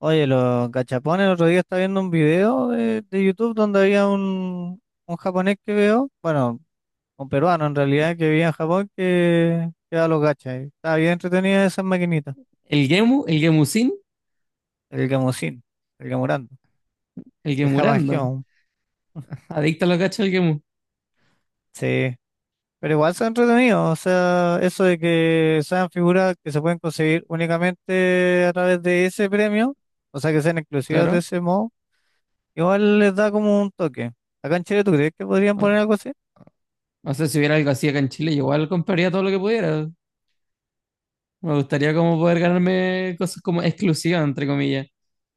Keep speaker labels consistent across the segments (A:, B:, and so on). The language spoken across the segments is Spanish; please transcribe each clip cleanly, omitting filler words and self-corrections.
A: Oye, los gachapones, el otro día estaba viendo un video de YouTube donde había un japonés que veo, bueno, un peruano en realidad, que vivía en Japón, que daba los gachas. Y Estaba bien entretenida esas maquinitas,
B: El Gemu, el Gemusin,
A: el gamusín, el gamurando,
B: el
A: el
B: Gemurando.
A: japangeon,
B: Adicto a los gachas del Gemu,
A: sí. Pero igual son entretenidos, o sea, eso de que sean figuras que se pueden conseguir únicamente a través de ese premio, o sea, que sean exclusivas de
B: claro.
A: ese modo, igual les da como un toque. Acá en Chile, ¿tú crees que podrían
B: O,
A: poner algo así?
B: o sea, si hubiera algo así acá en Chile, yo igual compraría todo lo que pudiera. Me gustaría como poder ganarme cosas como exclusivas, entre comillas.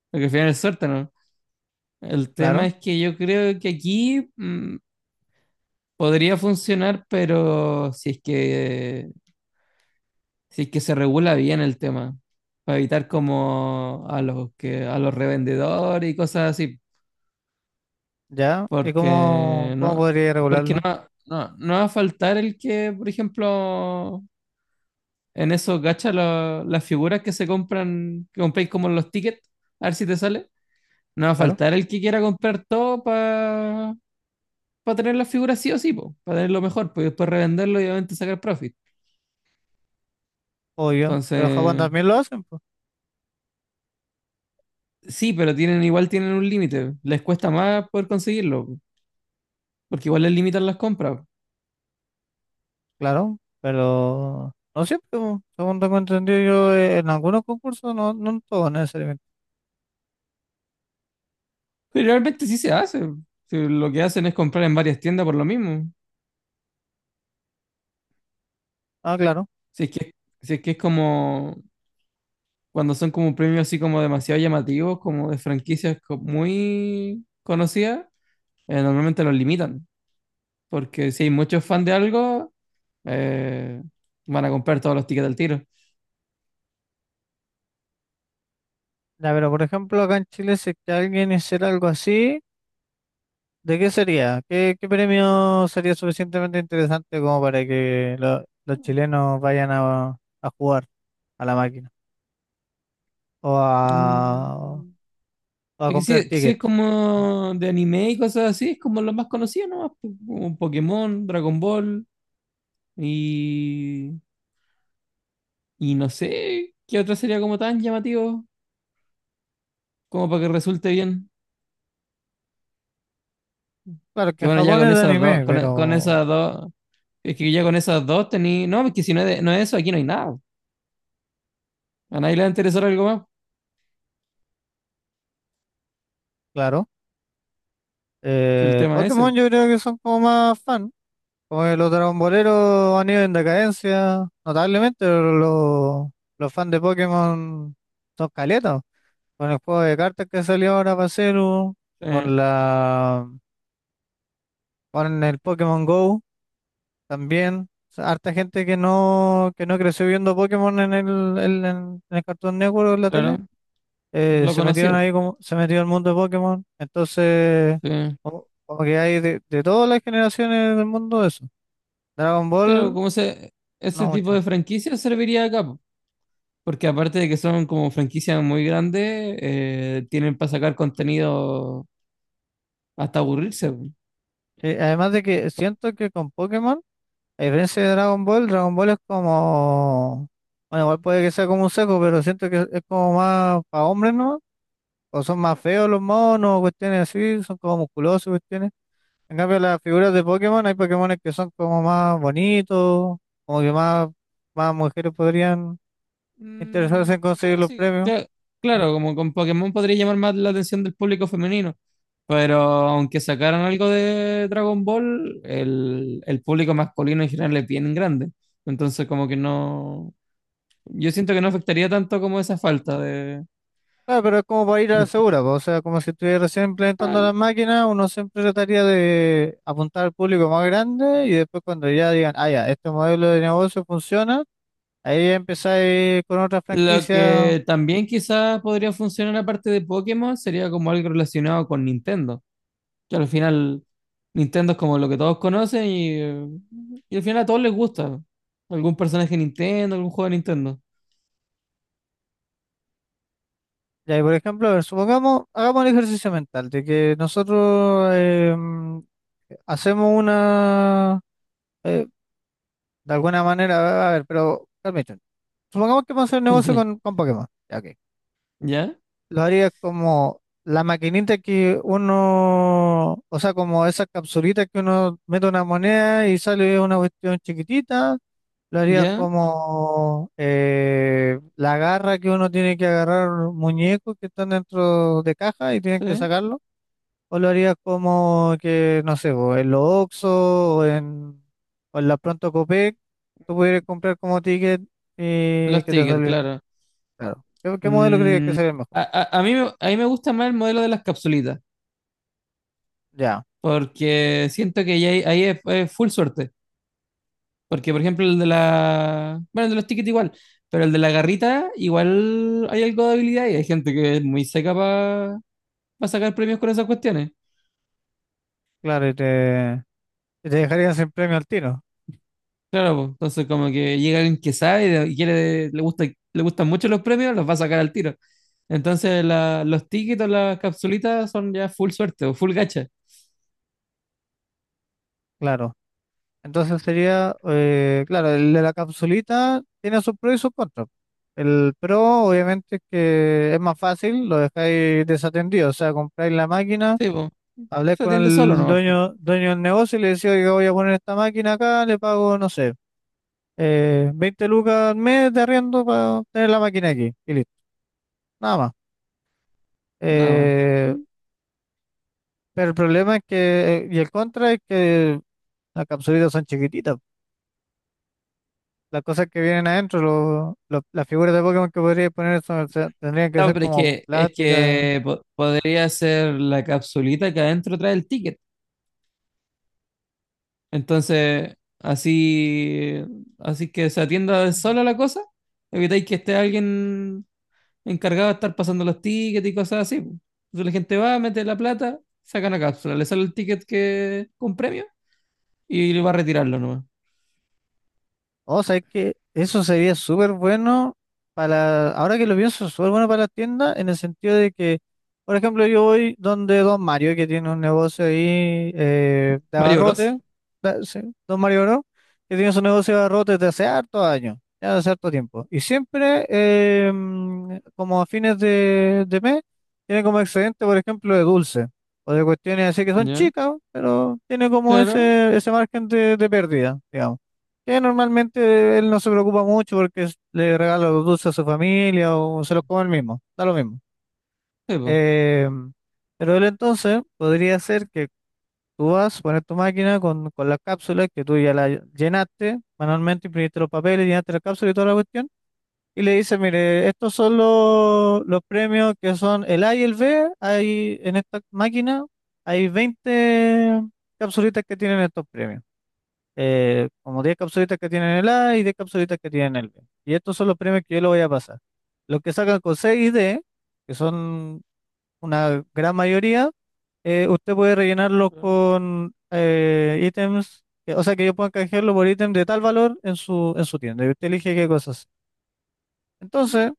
B: Porque al final es suerte, ¿no? El tema
A: Claro.
B: es que yo creo que aquí podría funcionar, pero si es que se regula bien el tema. Para evitar como a a los revendedores y cosas así.
A: ¿Ya? ¿Y cómo,
B: Porque
A: cómo
B: no,
A: podría
B: porque
A: regularlo?
B: no va a faltar el que, por ejemplo, en esos gachas, las figuras que se compran, que compráis como los tickets, a ver si te sale. No va a
A: Claro,
B: faltar el que quiera comprar todo para tener las figuras sí o sí, para tener lo mejor, pues, y después revenderlo y obviamente sacar profit.
A: obvio. Pero en Japón
B: Entonces,
A: también lo hacen, pues,
B: sí, pero tienen, igual tienen un límite. Les cuesta más poder conseguirlo, po, porque igual les limitan las compras.
A: claro. Pero no siempre, pues, según tengo entendido yo, en algunos concursos, no, no en todos necesariamente.
B: Pero realmente sí se hace. Si lo que hacen es comprar en varias tiendas por lo mismo.
A: Ah, claro.
B: Si es que, si es que es como cuando son como premios así como demasiado llamativos, como de franquicias muy conocidas, normalmente los limitan, porque si hay muchos fans de algo, eh, van a comprar todos los tickets al tiro.
A: Ya, pero por ejemplo, acá en Chile, si es que alguien hiciera algo así, ¿de qué sería? ¿Qué, qué premio sería suficientemente interesante como para que lo- los chilenos vayan a jugar a la máquina? O a,
B: Mm,
A: o a
B: es que
A: comprar
B: si es
A: tickets.
B: como de anime y cosas así, es como los más conocidos nomás, como Pokémon, Dragon Ball y, y no sé qué otro sería como tan llamativo como para que resulte bien.
A: Claro que
B: Que
A: en
B: bueno, ya
A: Japón
B: con
A: es de
B: esas dos,
A: anime,
B: con
A: pero.
B: esas dos, es que ya con esas dos tení, no, es que si no es, no es eso, aquí no hay nada. A nadie le va a interesar algo más.
A: Claro.
B: Si el tema es
A: Pokémon
B: ese.
A: yo creo que son como más fan. Como que los Dragon Boleros han ido en decadencia, notablemente, pero los fans de Pokémon son caletas. Con el juego de cartas que salió ahora para Celu,
B: Eh,
A: con la, con el Pokémon Go también. O sea, harta gente que no creció viendo Pokémon en el Cartoon Network o en la tele.
B: claro, lo
A: Se metieron
B: conoció.
A: ahí como, se metió el mundo de Pokémon, entonces
B: Sí.
A: como, como que hay de todas las generaciones del mundo eso. Dragon
B: Claro,
A: Ball,
B: como se, ese
A: no
B: tipo
A: mucho.
B: de franquicias serviría acá, po. Porque aparte de que son como franquicias muy grandes, tienen para sacar contenido hasta aburrirse.
A: Sí, además de que siento que con Pokémon, a diferencia de Dragon Ball, Dragon Ball es como, bueno, igual puede que sea como un seco, pero siento que es como más para hombres, ¿no? O son más feos los monos, cuestiones así, son como musculosos, cuestiones. En cambio, las figuras de Pokémon, hay Pokémones que son como más bonitos, como que más, más mujeres podrían interesados
B: Mm,
A: en conseguir
B: claro,
A: los
B: sí.
A: premios.
B: Claro, como con Pokémon podría llamar más la atención del público femenino. Pero aunque sacaran algo de Dragon Ball, el público masculino en general es bien grande. Entonces, como que no. Yo siento que no afectaría tanto como esa falta de.
A: Claro, pero es como para ir a la
B: de-
A: segura, po. O sea, como si estuviera recién implementando
B: ah,
A: las máquinas, uno siempre trataría de apuntar al público más grande y después cuando ya digan, ah, ya, este modelo de negocio funciona, ahí ya empezáis con otras
B: Lo
A: franquicias.
B: que también quizás podría funcionar aparte de Pokémon sería como algo relacionado con Nintendo. Que al final Nintendo es como lo que todos conocen y al final a todos les gusta. Algún personaje de Nintendo, algún juego de Nintendo.
A: Ya, y por ejemplo, a ver, supongamos, hagamos el ejercicio mental de que nosotros hacemos una, eh, de alguna manera, a ver, pero permítanme, supongamos que vamos a hacer un negocio
B: Dice,
A: con Pokémon. Ya, ok.
B: ¿ya?
A: Lo haría como la maquinita que uno, o sea, como esas capsulitas que uno mete una moneda y sale una cuestión chiquitita. Lo haría
B: ¿Ya?
A: como la garra que uno tiene que agarrar muñecos que están dentro de caja y tienen que
B: Sí.
A: sacarlo. O lo haría como que, no sé, vos, en los Oxxo o en la Pronto Copec, tú pudieras comprar como ticket y
B: Los
A: que te
B: tickets,
A: salieron
B: claro.
A: claro. ¿Qué, qué modelo crees que
B: Mm,
A: sería el mejor?
B: a mí me gusta más el modelo de las capsulitas,
A: Ya.
B: porque siento que ya ahí es full suerte. Porque, por ejemplo, el de la... Bueno, el de los tickets igual, pero el de la garrita igual hay algo de habilidad y hay gente que es muy seca para sacar premios con esas cuestiones.
A: Claro, y te dejarían sin premio al tiro,
B: Claro, pues, entonces como que llega alguien que sabe y y quiere, le gusta, le gustan mucho los premios, los va a sacar al tiro. Entonces los tickets, o las capsulitas son ya full suerte o full gacha.
A: claro. Entonces sería, claro, el de la capsulita tiene sus pros y sus contras. El pro, obviamente, es que es más fácil, lo dejáis desatendido, o sea, compráis la máquina,
B: Sí, pues,
A: habláis
B: se
A: con
B: atiende solo
A: el
B: nomás, pues,
A: dueño, dueño del negocio y le decís, oiga, voy a poner esta máquina acá, le pago, no sé, 20 lucas al mes de arriendo para tener la máquina aquí, y listo, nada más.
B: nada más.
A: Eh,
B: Mm.
A: pero el problema es que, y el contra es que las capsulitas son chiquititas. Las cosas que vienen adentro, lo- las figuras de Pokémon que podría poner son- o sea, tendrían que
B: No,
A: ser
B: pero
A: como
B: es
A: plásticas.
B: que podría ser la capsulita que adentro trae el ticket. Entonces, así, así que se atienda sola la cosa, evitáis que esté alguien encargado de estar pasando los tickets y cosas así, po. Entonces la gente va, mete la plata, saca una cápsula, le sale el ticket que con premio y le va a retirarlo nomás.
A: O sea, es que eso sería súper bueno para, ahora que lo pienso, súper bueno para las tiendas, en el sentido de que, por ejemplo, yo voy donde Don Mario, que tiene un negocio ahí de
B: Mario Bros.
A: abarrote, da- sí, Don Mario Bro, que tiene su negocio de abarrotes desde hace hartos años, ya hace harto tiempo. Y siempre, como a fines de mes, tiene como excedente, por ejemplo, de dulce, o de cuestiones así que son
B: ¿Ya?
A: chicas, pero tiene como
B: Claro,
A: ese margen de pérdida, digamos. Que normalmente él no se preocupa mucho porque es- le regala los dulces a su familia o se los come él mismo, da lo mismo.
B: sí, po.
A: Eh, pero él entonces podría ser que tú vas, a poner tu máquina con las cápsulas que tú ya la llenaste manualmente, imprimiste los papeles, llenaste la cápsula y toda la cuestión, y le dices, mire, estos son los premios que son el A y el B, hay en esta máquina hay 20 capsulitas que tienen estos premios como 10 capsulitas que tienen el A y 10 capsulitas que tienen el B. Y estos son los premios que yo le voy a pasar. Los que sacan con 6 y D, que son una gran mayoría, usted puede rellenarlos
B: Claro.
A: con ítems, que- o sea que yo pueda canjearlo por ítem de tal valor en su tienda. Y usted elige qué cosas. Entonces,
B: Mm,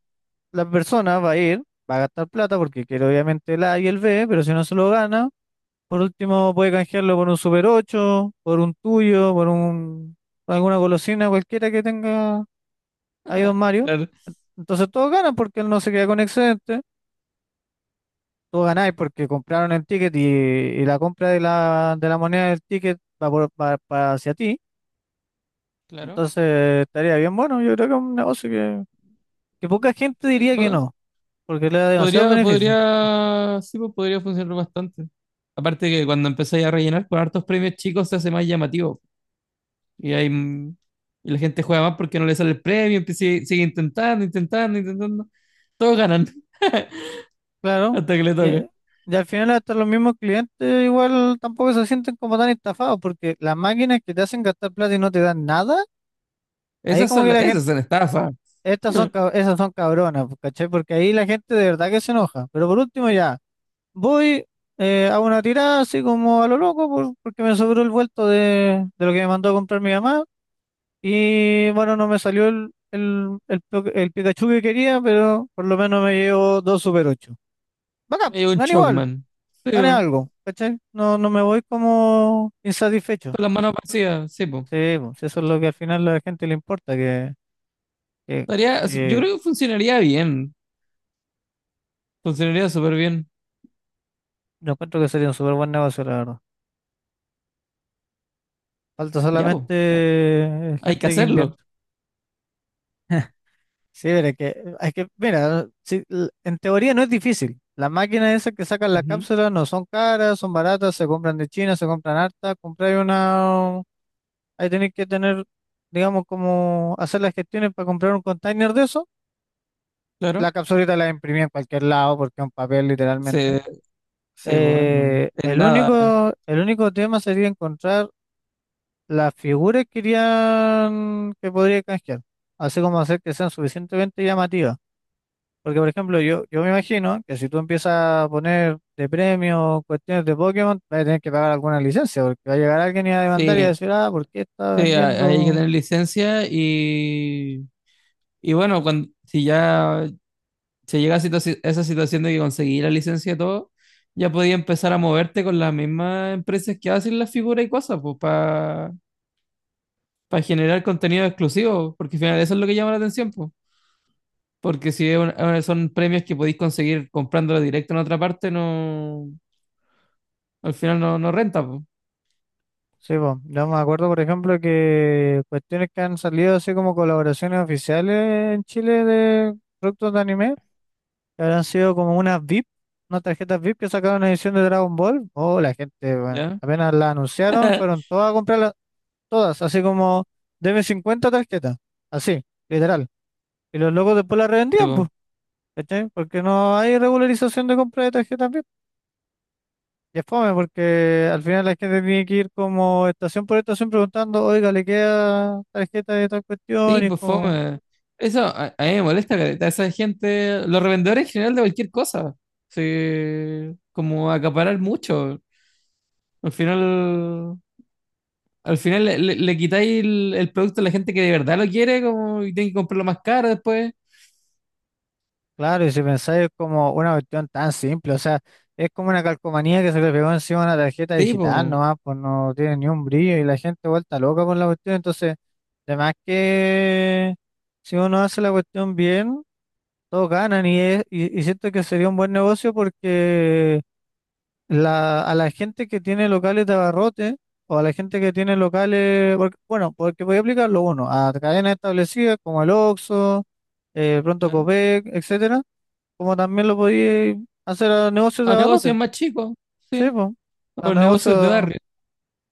A: la persona va a ir, va a gastar plata porque quiere obviamente el A y el B, pero si no se lo gana, por último, puede canjearlo por un Super 8 por un tuyo, por un, alguna golosina cualquiera que tenga ahí Don Mario.
B: claro,
A: Entonces todos ganan porque él no se queda con excedente. Todos ganáis porque compraron el ticket y la compra de la moneda del ticket va, por- va- va hacia ti.
B: claro.
A: Entonces estaría bien bueno. Yo creo que es un negocio que poca gente
B: Sí,
A: diría que no, porque le da demasiados beneficios.
B: podría, sí, po, podría funcionar bastante. Aparte que cuando empezáis a rellenar con hartos premios chicos se hace más llamativo. Y hay, y la gente juega más porque no le sale el premio, sigue, sigue intentando, intentando. Todos ganan
A: Claro.
B: hasta que le
A: Y,
B: toca.
A: eh, y al final hasta los mismos clientes igual tampoco se sienten como tan estafados porque las máquinas que te hacen gastar plata y no te dan nada, ahí
B: Esas
A: como
B: son,
A: que la gente,
B: esas son estafas.
A: estas son, cab- esas son cabronas, pues, ¿cachai? Porque ahí la gente de verdad que se enoja. Pero por último ya, voy, hago una tirada así como a lo loco por- porque me sobró el vuelto de lo que me mandó a comprar mi mamá y bueno, no me salió el Pikachu que quería, pero por lo menos me llevo dos Super 8. Bacán,
B: Y un
A: gané igual.
B: Chocman. Sí,
A: Gané
B: po.
A: algo, ¿cachai? No, no me voy como insatisfecho.
B: Con las manos vacías, sí, po.
A: Sí, pues, eso es lo que al final a la gente le importa, que,
B: Yo
A: que
B: creo que funcionaría bien. Funcionaría súper bien.
A: yo encuentro que sería un súper buen negocio, la verdad. Falta
B: Ya, po.
A: solamente
B: Hay que
A: gente que
B: hacerlo.
A: invierta. Sí, pero es que, mira, sí, l- en teoría no es difícil. Las máquinas esas que sacan la
B: Ujú,
A: cápsula no son caras, son baratas, se compran de China, se compran harta. Comprar una, ahí tenés que tener, digamos, como hacer las gestiones para comprar un container de eso.
B: claro.
A: La capsulita la imprimí en cualquier lado porque es un papel literalmente.
B: Sí, sí, po, en, en
A: El
B: nada.
A: único, el único tema sería encontrar las figuras que querían que podría canjear. Así como hacer que sean suficientemente llamativas. Porque, por ejemplo, yo me imagino que si tú empiezas a poner de premio cuestiones de Pokémon, vas a tener que pagar alguna licencia, porque va a llegar alguien y va a demandar y va a
B: Sí,
A: decir, ah, ¿por qué está
B: sí, hay que
A: vendiendo?
B: tener licencia y bueno, cuando, si ya se llega a esa situación de que conseguí la licencia y todo, ya podía empezar a moverte con las mismas empresas que hacen las figuras y cosas, pues, para generar contenido exclusivo, porque al final eso es lo que llama la atención, po. Porque si es son premios que podéis conseguir comprándolo directo en otra parte, no, al final no, no renta, po.
A: Sí, po. Yo me acuerdo, por ejemplo, que cuestiones que han salido así como colaboraciones oficiales en Chile de productos de anime, que habrán sido como unas VIP, unas tarjetas VIP que sacaron una edición de Dragon Ball. Oh, la gente, bueno,
B: ¿Ya?
A: apenas la anunciaron, fueron todas a comprarlas, todas, así como, deme 50 tarjetas, así, literal. Y los locos después las
B: Sí,
A: revendían,
B: po.
A: pues, ¿cachai? Porque no hay regularización de compra de tarjetas. Y es fome porque al final la gente tiene que ir como estación por estación preguntando, oiga, ¿le queda tarjeta de tal cuestión?
B: Sí,
A: Y es
B: pues
A: como,
B: fome. Eso a mí me molesta, careta, esa gente, los revendedores en general de cualquier cosa, sí, como acaparar mucho. Al final, al final le quitáis el producto a la gente que de verdad lo quiere, como, y tiene que comprarlo más caro después.
A: claro, y si pensáis es como una cuestión tan simple, o sea, es como una calcomanía que se le pegó encima a una tarjeta
B: Sí,
A: digital nomás, pues no tiene ni un brillo y la gente vuelta loca con la cuestión, entonces, además que si uno hace la cuestión bien, todos ganan y, es- y siento que sería un buen negocio porque... La, a la gente que tiene locales de abarrote o a la gente que tiene locales, porque- bueno, porque voy a aplicarlo uno, a cadenas establecidas como el Oxxo, Pronto
B: pues.
A: Copec, etcétera, como también lo podía hacer a negocios de
B: A negocios
A: abarrote,
B: más chicos,
A: sí,
B: sí,
A: po, a
B: o negocios de
A: negocios
B: barrio.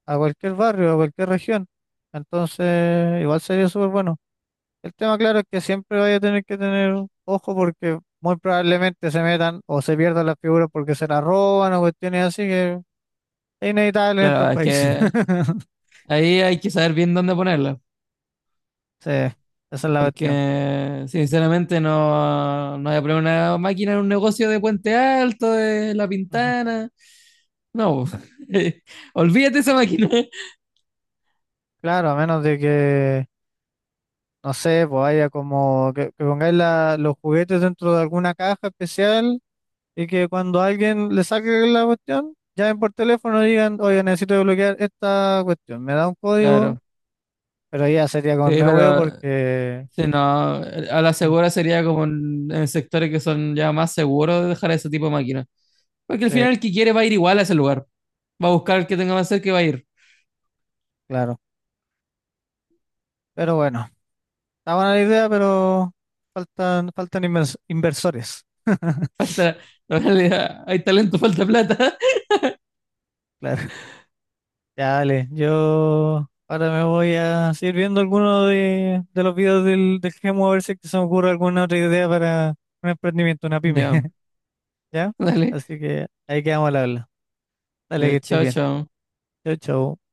A: a cualquier barrio, a cualquier región. Entonces, igual sería súper bueno. El tema, claro, es que siempre vaya a tener que tener ojo porque muy probablemente se metan o se pierdan las figuras porque se las roban o cuestiones así inevitable en
B: La
A: estos
B: verdad es
A: países.
B: que ahí hay que saber bien dónde ponerla,
A: Sí, esa es la cuestión.
B: porque sinceramente no voy a poner una máquina en un negocio de Puente Alto, de La
A: Ujú.
B: Pintana, no, olvídate esa máquina.
A: Claro, a menos de que, no sé, pues haya como que pongáis la- los juguetes dentro de alguna caja especial y que cuando alguien le saque la cuestión, llamen por teléfono y digan, oye, necesito desbloquear esta cuestión, me da un código,
B: Claro,
A: pero ya sería con
B: sí,
A: me huevo
B: pero
A: porque,
B: sí, no, a la
A: mm,
B: segura sería como en sectores que son ya más seguros de dejar ese tipo de máquinas, porque al
A: sí,
B: final el que quiere va a ir igual a ese lugar, va a buscar el que tenga más cerca y va a ir.
A: claro. Pero bueno, está buena la idea, pero faltan, faltan invers- inversores.
B: Falta, vale, hay talento, falta plata.
A: Claro. Ya, dale, yo ahora me voy a seguir viendo alguno de los videos del, del Gemu a ver si es que se me ocurre alguna otra idea para un emprendimiento, una pyme,
B: Ya,
A: ¿ya?
B: dale.
A: Así que ahí quedamos al habla. Dale, que
B: Ya,
A: estés
B: chao,
A: bien.
B: chao.
A: Chau, chau.